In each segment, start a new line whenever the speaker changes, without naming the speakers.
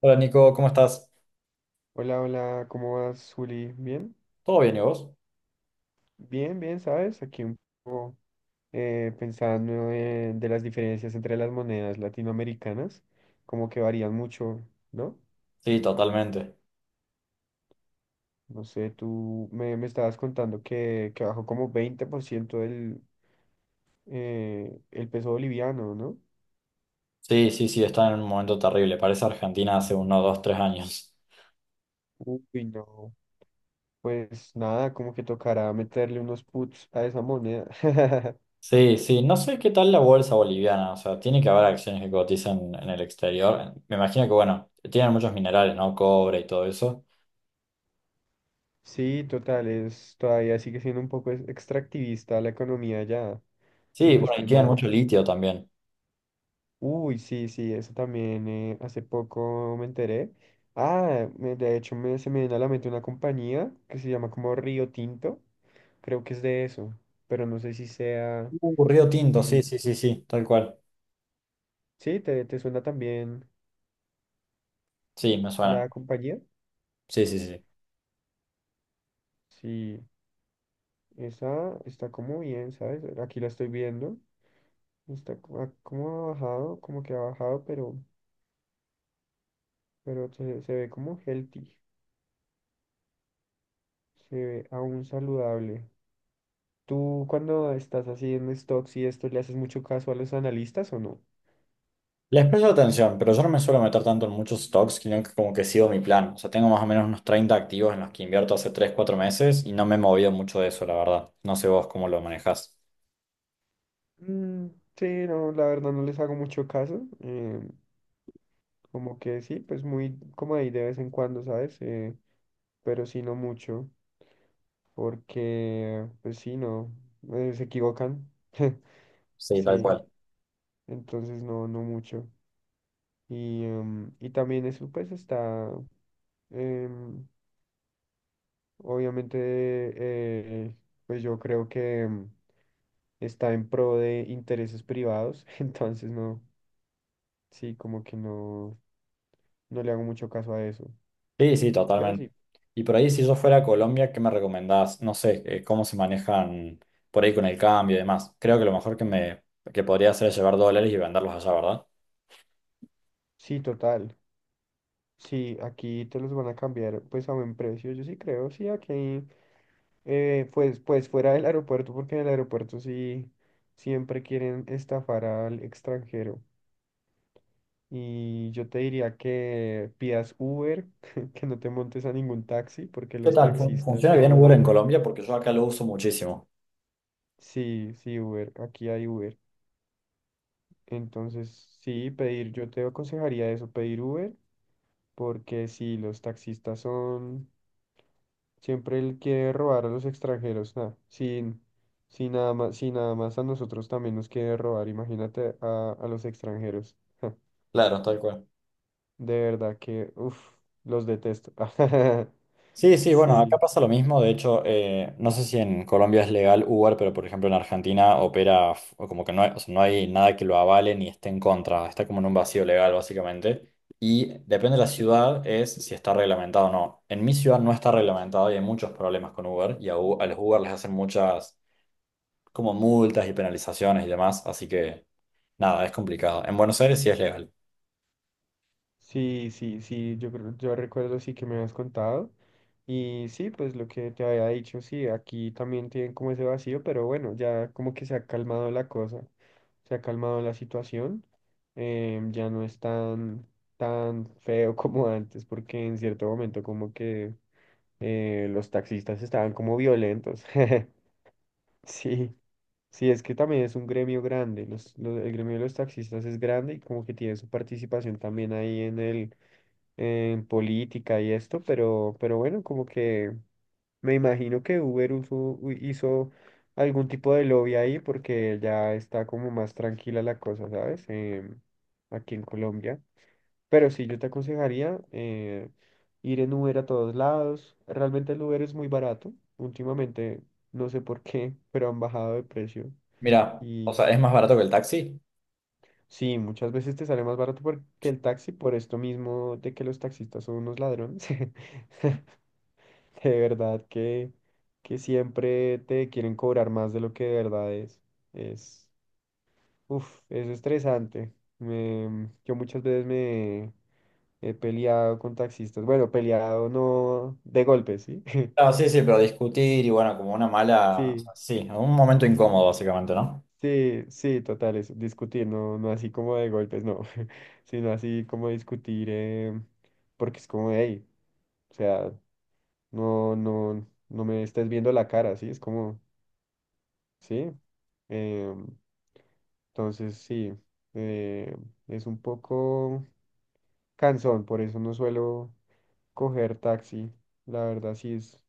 Hola Nico, ¿cómo estás?
Hola, hola, ¿cómo vas, Juli? ¿Bien?
¿Todo bien y vos?
Bien, bien, ¿sabes? Aquí un poco pensando de las diferencias entre las monedas latinoamericanas, como que varían mucho, ¿no?
Sí, totalmente.
No sé, tú me estabas contando que bajó como 20% el peso boliviano, ¿no?
Sí, sí, sí, está en un momento terrible. Parece Argentina hace 1, 2, 3 años.
Uy, no. Pues nada, como que tocará meterle unos puts a esa moneda.
Sí, sí, no sé qué tal la bolsa boliviana. O sea, tiene que haber acciones que cotizan en el exterior. Me imagino que, bueno, tienen muchos minerales, ¿no? Cobre y todo eso.
Sí, total, es, todavía sigue siendo un poco extractivista la economía ya, si
Sí,
no
bueno, y
estoy
tienen
mal.
mucho litio también.
Uy, sí, sí, eso también hace poco me enteré. Ah, de hecho se me viene a la mente una compañía que se llama como Río Tinto, creo que es de eso, pero no sé si sea,
Río Tinto, sí,
si,
sí, sí, sí, tal cual.
sí, te suena también
Sí, me suena.
la compañía.
Sí, sí, sí. Sí.
Sí, esa está como bien, ¿sabes? Aquí la estoy viendo, como ha bajado, como que ha bajado, pero se ve como healthy, se ve aún saludable. ¿Tú cuando estás haciendo stocks y esto le haces mucho caso a los analistas o no?
Les presto atención, pero yo no me suelo meter tanto en muchos stocks, sino que como que sigo mi plan. O sea, tengo más o menos unos 30 activos en los que invierto hace 3, 4 meses y no me he movido mucho de eso, la verdad. No sé vos cómo lo manejás.
Mm, sí, no, la verdad no les hago mucho caso. Como que sí, pues muy como ahí de vez en cuando, ¿sabes? Pero sí no mucho, porque pues sí, no, se equivocan.
Sí, tal
Sí,
cual.
entonces no, no mucho. Y también eso pues está. em, Obviamente, pues yo creo que está en pro de intereses privados, entonces no, sí, como que no, no le hago mucho caso a eso.
Sí, sí,
Pero
totalmente.
sí,
Y por ahí, si yo fuera a Colombia, ¿qué me recomendás? No sé, cómo se manejan por ahí con el cambio y demás. Creo que lo mejor que me que podría hacer es llevar dólares y venderlos allá, ¿verdad?
sí, total. Sí, aquí te los van a cambiar pues a buen precio, yo sí creo, sí, aquí, pues fuera del aeropuerto, porque en el aeropuerto sí siempre quieren estafar al extranjero. Y yo te diría que pidas Uber, que no te montes a ningún taxi, porque
¿Qué
los
tal?
taxistas
¿Funciona bien Uber
son.
en Colombia? Porque yo acá lo uso muchísimo.
Sí, sí, Uber. Aquí hay Uber. Entonces, sí, pedir, yo te aconsejaría eso, pedir Uber, porque si los taxistas son, siempre él quiere robar a los extranjeros, nada, sin nada más, si nada más a nosotros también nos quiere robar, imagínate a los extranjeros.
Claro, tal cual.
De verdad que, uff, los detesto.
Sí, sí, bueno, acá
Sí.
pasa lo mismo. De hecho, no sé si en Colombia es legal Uber, pero por ejemplo en Argentina opera o como que no hay, o sea, no hay nada que lo avale ni esté en contra. Está como en un vacío legal, básicamente. Y depende de la ciudad, es si está reglamentado o no. En mi ciudad no está reglamentado y hay muchos problemas con Uber. Y a los Uber les hacen muchas como multas y penalizaciones y demás. Así que nada, es complicado. En Buenos Aires sí es legal.
Sí, sí, sí, yo recuerdo sí que me habías contado. Y sí, pues lo que te había dicho, sí, aquí también tienen como ese vacío, pero bueno, ya como que se ha calmado la cosa, se ha calmado la situación, ya no es tan, tan feo como antes, porque en cierto momento como que los taxistas estaban como violentos. Sí, sí, es que también es un gremio grande, el gremio de los taxistas es grande y como que tiene su participación también ahí en política y esto, pero bueno, como que me imagino que Uber hizo algún tipo de lobby ahí porque ya está como más tranquila la cosa, ¿sabes? Aquí en Colombia. Pero sí, yo te aconsejaría ir en Uber a todos lados. Realmente el Uber es muy barato. Últimamente, no sé por qué, pero han bajado de precio.
Mira, o
Y
sea, es más barato que el taxi.
sí, muchas veces te sale más barato que el taxi por esto mismo de que los taxistas son unos ladrones. De verdad que siempre te quieren cobrar más de lo que de verdad es. Es, uf, es estresante. Yo muchas veces me he peleado con taxistas. Bueno, peleado no de golpes, ¿sí?
Ah, sí, sí, pero discutir y bueno, como una mala, o
Sí,
sea, sí, un momento incómodo básicamente, ¿no?
sí, sí, total, es discutir, no, no así como de golpes, no, sino así como discutir, porque es como, hey, o sea, no, no, no me estés viendo la cara, ¿sí? Es como, sí. em, Entonces, sí, eh, es un poco cansón, por eso no suelo coger taxi. La verdad, sí es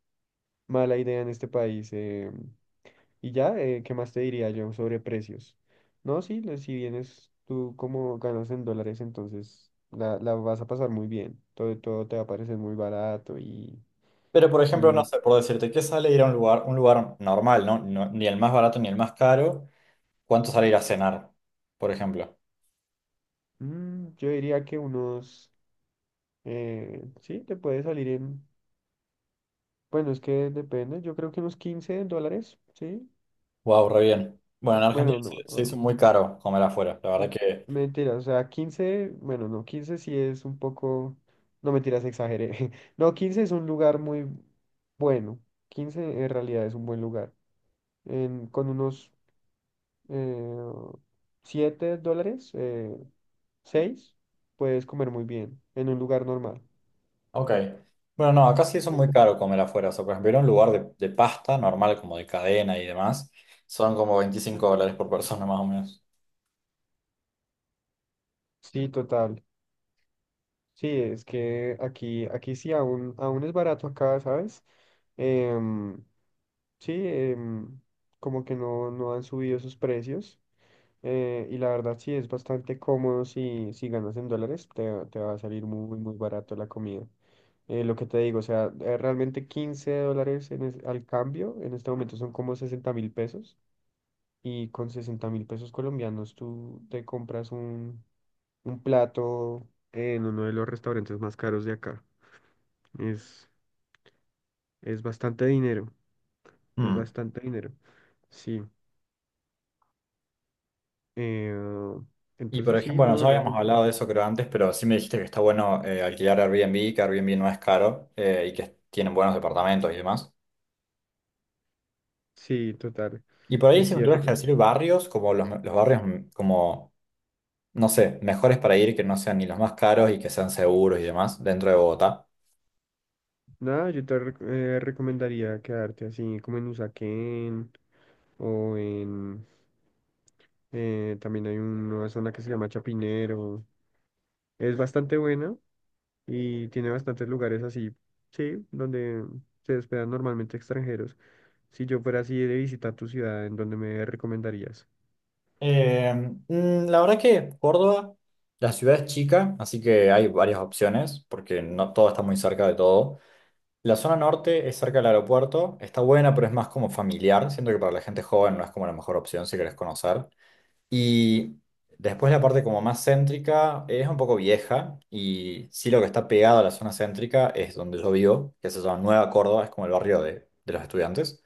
mala idea en este país. Y ya, ¿qué más te diría yo sobre precios? No, sí, si vienes tú como ganas en dólares, entonces la vas a pasar muy bien. Todo te va a parecer muy barato y,
Pero por ejemplo, no
y
sé, por decirte, ¿qué sale ir a un lugar normal, no? Ni el más barato ni el más caro, ¿cuánto sale ir a cenar, por ejemplo?
yo diría que unos, sí, te puede salir en. Bueno, es que depende, yo creo que unos US$15, ¿sí?
Wow, re bien. Bueno, en Argentina
Bueno, no,
se hizo
no,
muy caro comer afuera, la verdad
eh,
que,
mentira, o sea, 15 bueno, no, 15 sí es un poco, no mentiras, exageré. No, 15 es un lugar muy bueno, 15 en realidad es un buen lugar. Con unos eh, US$7, 6, puedes comer muy bien en un lugar normal.
ok. Bueno, no, acá se hizo muy
Sí.
caro comer afuera, o sea, por ejemplo, ir a un lugar de pasta normal, como de cadena y demás, son como 25 dólares por persona más o menos.
Sí, total. Sí, es que aquí, sí aún es barato acá, ¿sabes? Em, Sí, como que no han subido sus precios. Y la verdad sí es bastante cómodo si ganas en dólares, te va a salir muy, muy barato la comida. Lo que te digo, o sea, realmente 15 dólares en al cambio, en este momento son como 60.000 pesos. Y con 60.000 pesos colombianos tú te compras un plato en uno de los restaurantes más caros de acá. Es, es bastante dinero, es
Hmm.
bastante dinero. Sí. Eh,
Y por
entonces
ejemplo,
sí,
bueno,
no,
ya habíamos
realmente.
hablado de eso creo antes, pero sí me dijiste que está bueno alquilar Airbnb, que Airbnb no es caro y que tienen buenos departamentos y demás.
Sí, total.
Y por ahí
Es
si me tuvieras
cierto.
que decir barrios, como los barrios como, no sé, mejores para ir, que no sean ni los más caros y que sean seguros y demás dentro de Bogotá.
Nada, yo te recomendaría quedarte así como en Usaquén o en. También hay una zona que se llama Chapinero. Es bastante buena y tiene bastantes lugares así, sí, donde se hospedan normalmente extranjeros. Si yo fuera así de visitar tu ciudad, ¿en dónde me recomendarías?
La verdad que Córdoba, la ciudad es chica, así que hay varias opciones, porque no todo está muy cerca de todo. La zona norte es cerca del aeropuerto, está buena, pero es más como familiar. Siento que para la gente joven no es como la mejor opción si querés conocer. Y después la parte como más céntrica es un poco vieja y sí lo que está pegado a la zona céntrica es donde yo vivo, que se llama Nueva Córdoba, es como el barrio de los estudiantes.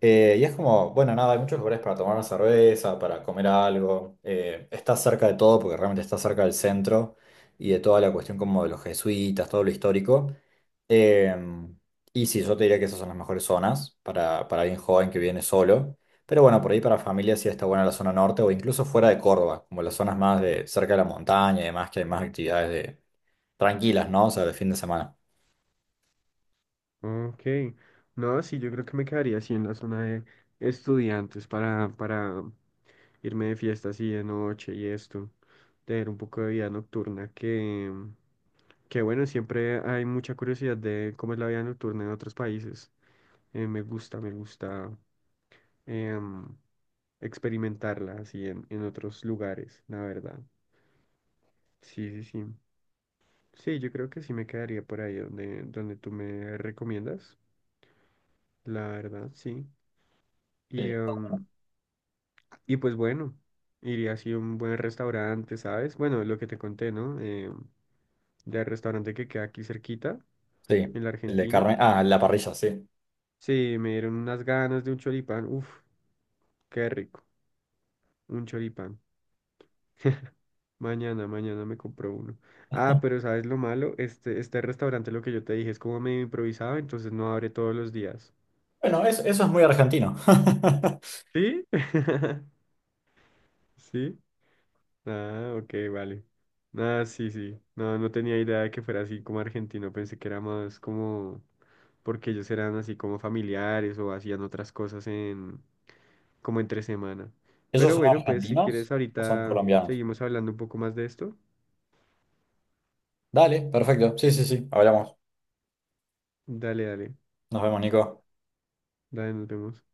Y es como, bueno, nada, hay muchos lugares para tomar una cerveza, para comer algo. Está cerca de todo porque realmente está cerca del centro y de toda la cuestión como de los jesuitas, todo lo histórico. Em, y sí, yo te diría que esas son las mejores zonas para alguien joven que viene solo. Pero bueno, por ahí para familia sí está buena la zona norte o incluso fuera de Córdoba, como las zonas más de cerca de la montaña y demás, que hay más actividades de, tranquilas, ¿no? O sea, de fin de semana.
Ok, no, sí, yo creo que me quedaría así en la zona de estudiantes para irme de fiesta así de noche y esto, tener un poco de vida nocturna, que bueno, siempre hay mucha curiosidad de cómo es la vida nocturna en otros países. Me gusta, me gusta em, experimentarla así en, otros lugares, la verdad. Sí, sí, sí. Sí, yo creo que sí me quedaría por ahí donde tú me recomiendas. La verdad, sí. Y,
Sí.
em, y pues bueno, iría así a un buen restaurante, ¿sabes? Bueno, lo que te conté, ¿no? Del restaurante que queda aquí cerquita,
Sí,
en la
el de
Argentina.
carne. Ah, la parrilla, sí.
Sí, me dieron unas ganas de un choripán. Uf, qué rico. Un choripán. Mañana, mañana me compro uno. Ah, pero ¿sabes lo malo? Este restaurante, lo que yo te dije, es como medio improvisado, entonces no abre todos los días.
Bueno, eso es muy argentino.
¿Sí? ¿Sí? Ah, ok, vale. Ah, sí, sí. No, no tenía idea de que fuera así como argentino. Pensé que era más como porque ellos eran así como familiares o hacían otras cosas en como entre semana.
¿Ellos
Pero
son
bueno, pues si
argentinos
quieres
o son
ahorita
colombianos?
seguimos hablando un poco más de esto.
Dale, perfecto. Sí, sí, sí. Hablamos.
Dale, dale.
Nos vemos, Nico.
Dale, nos vemos.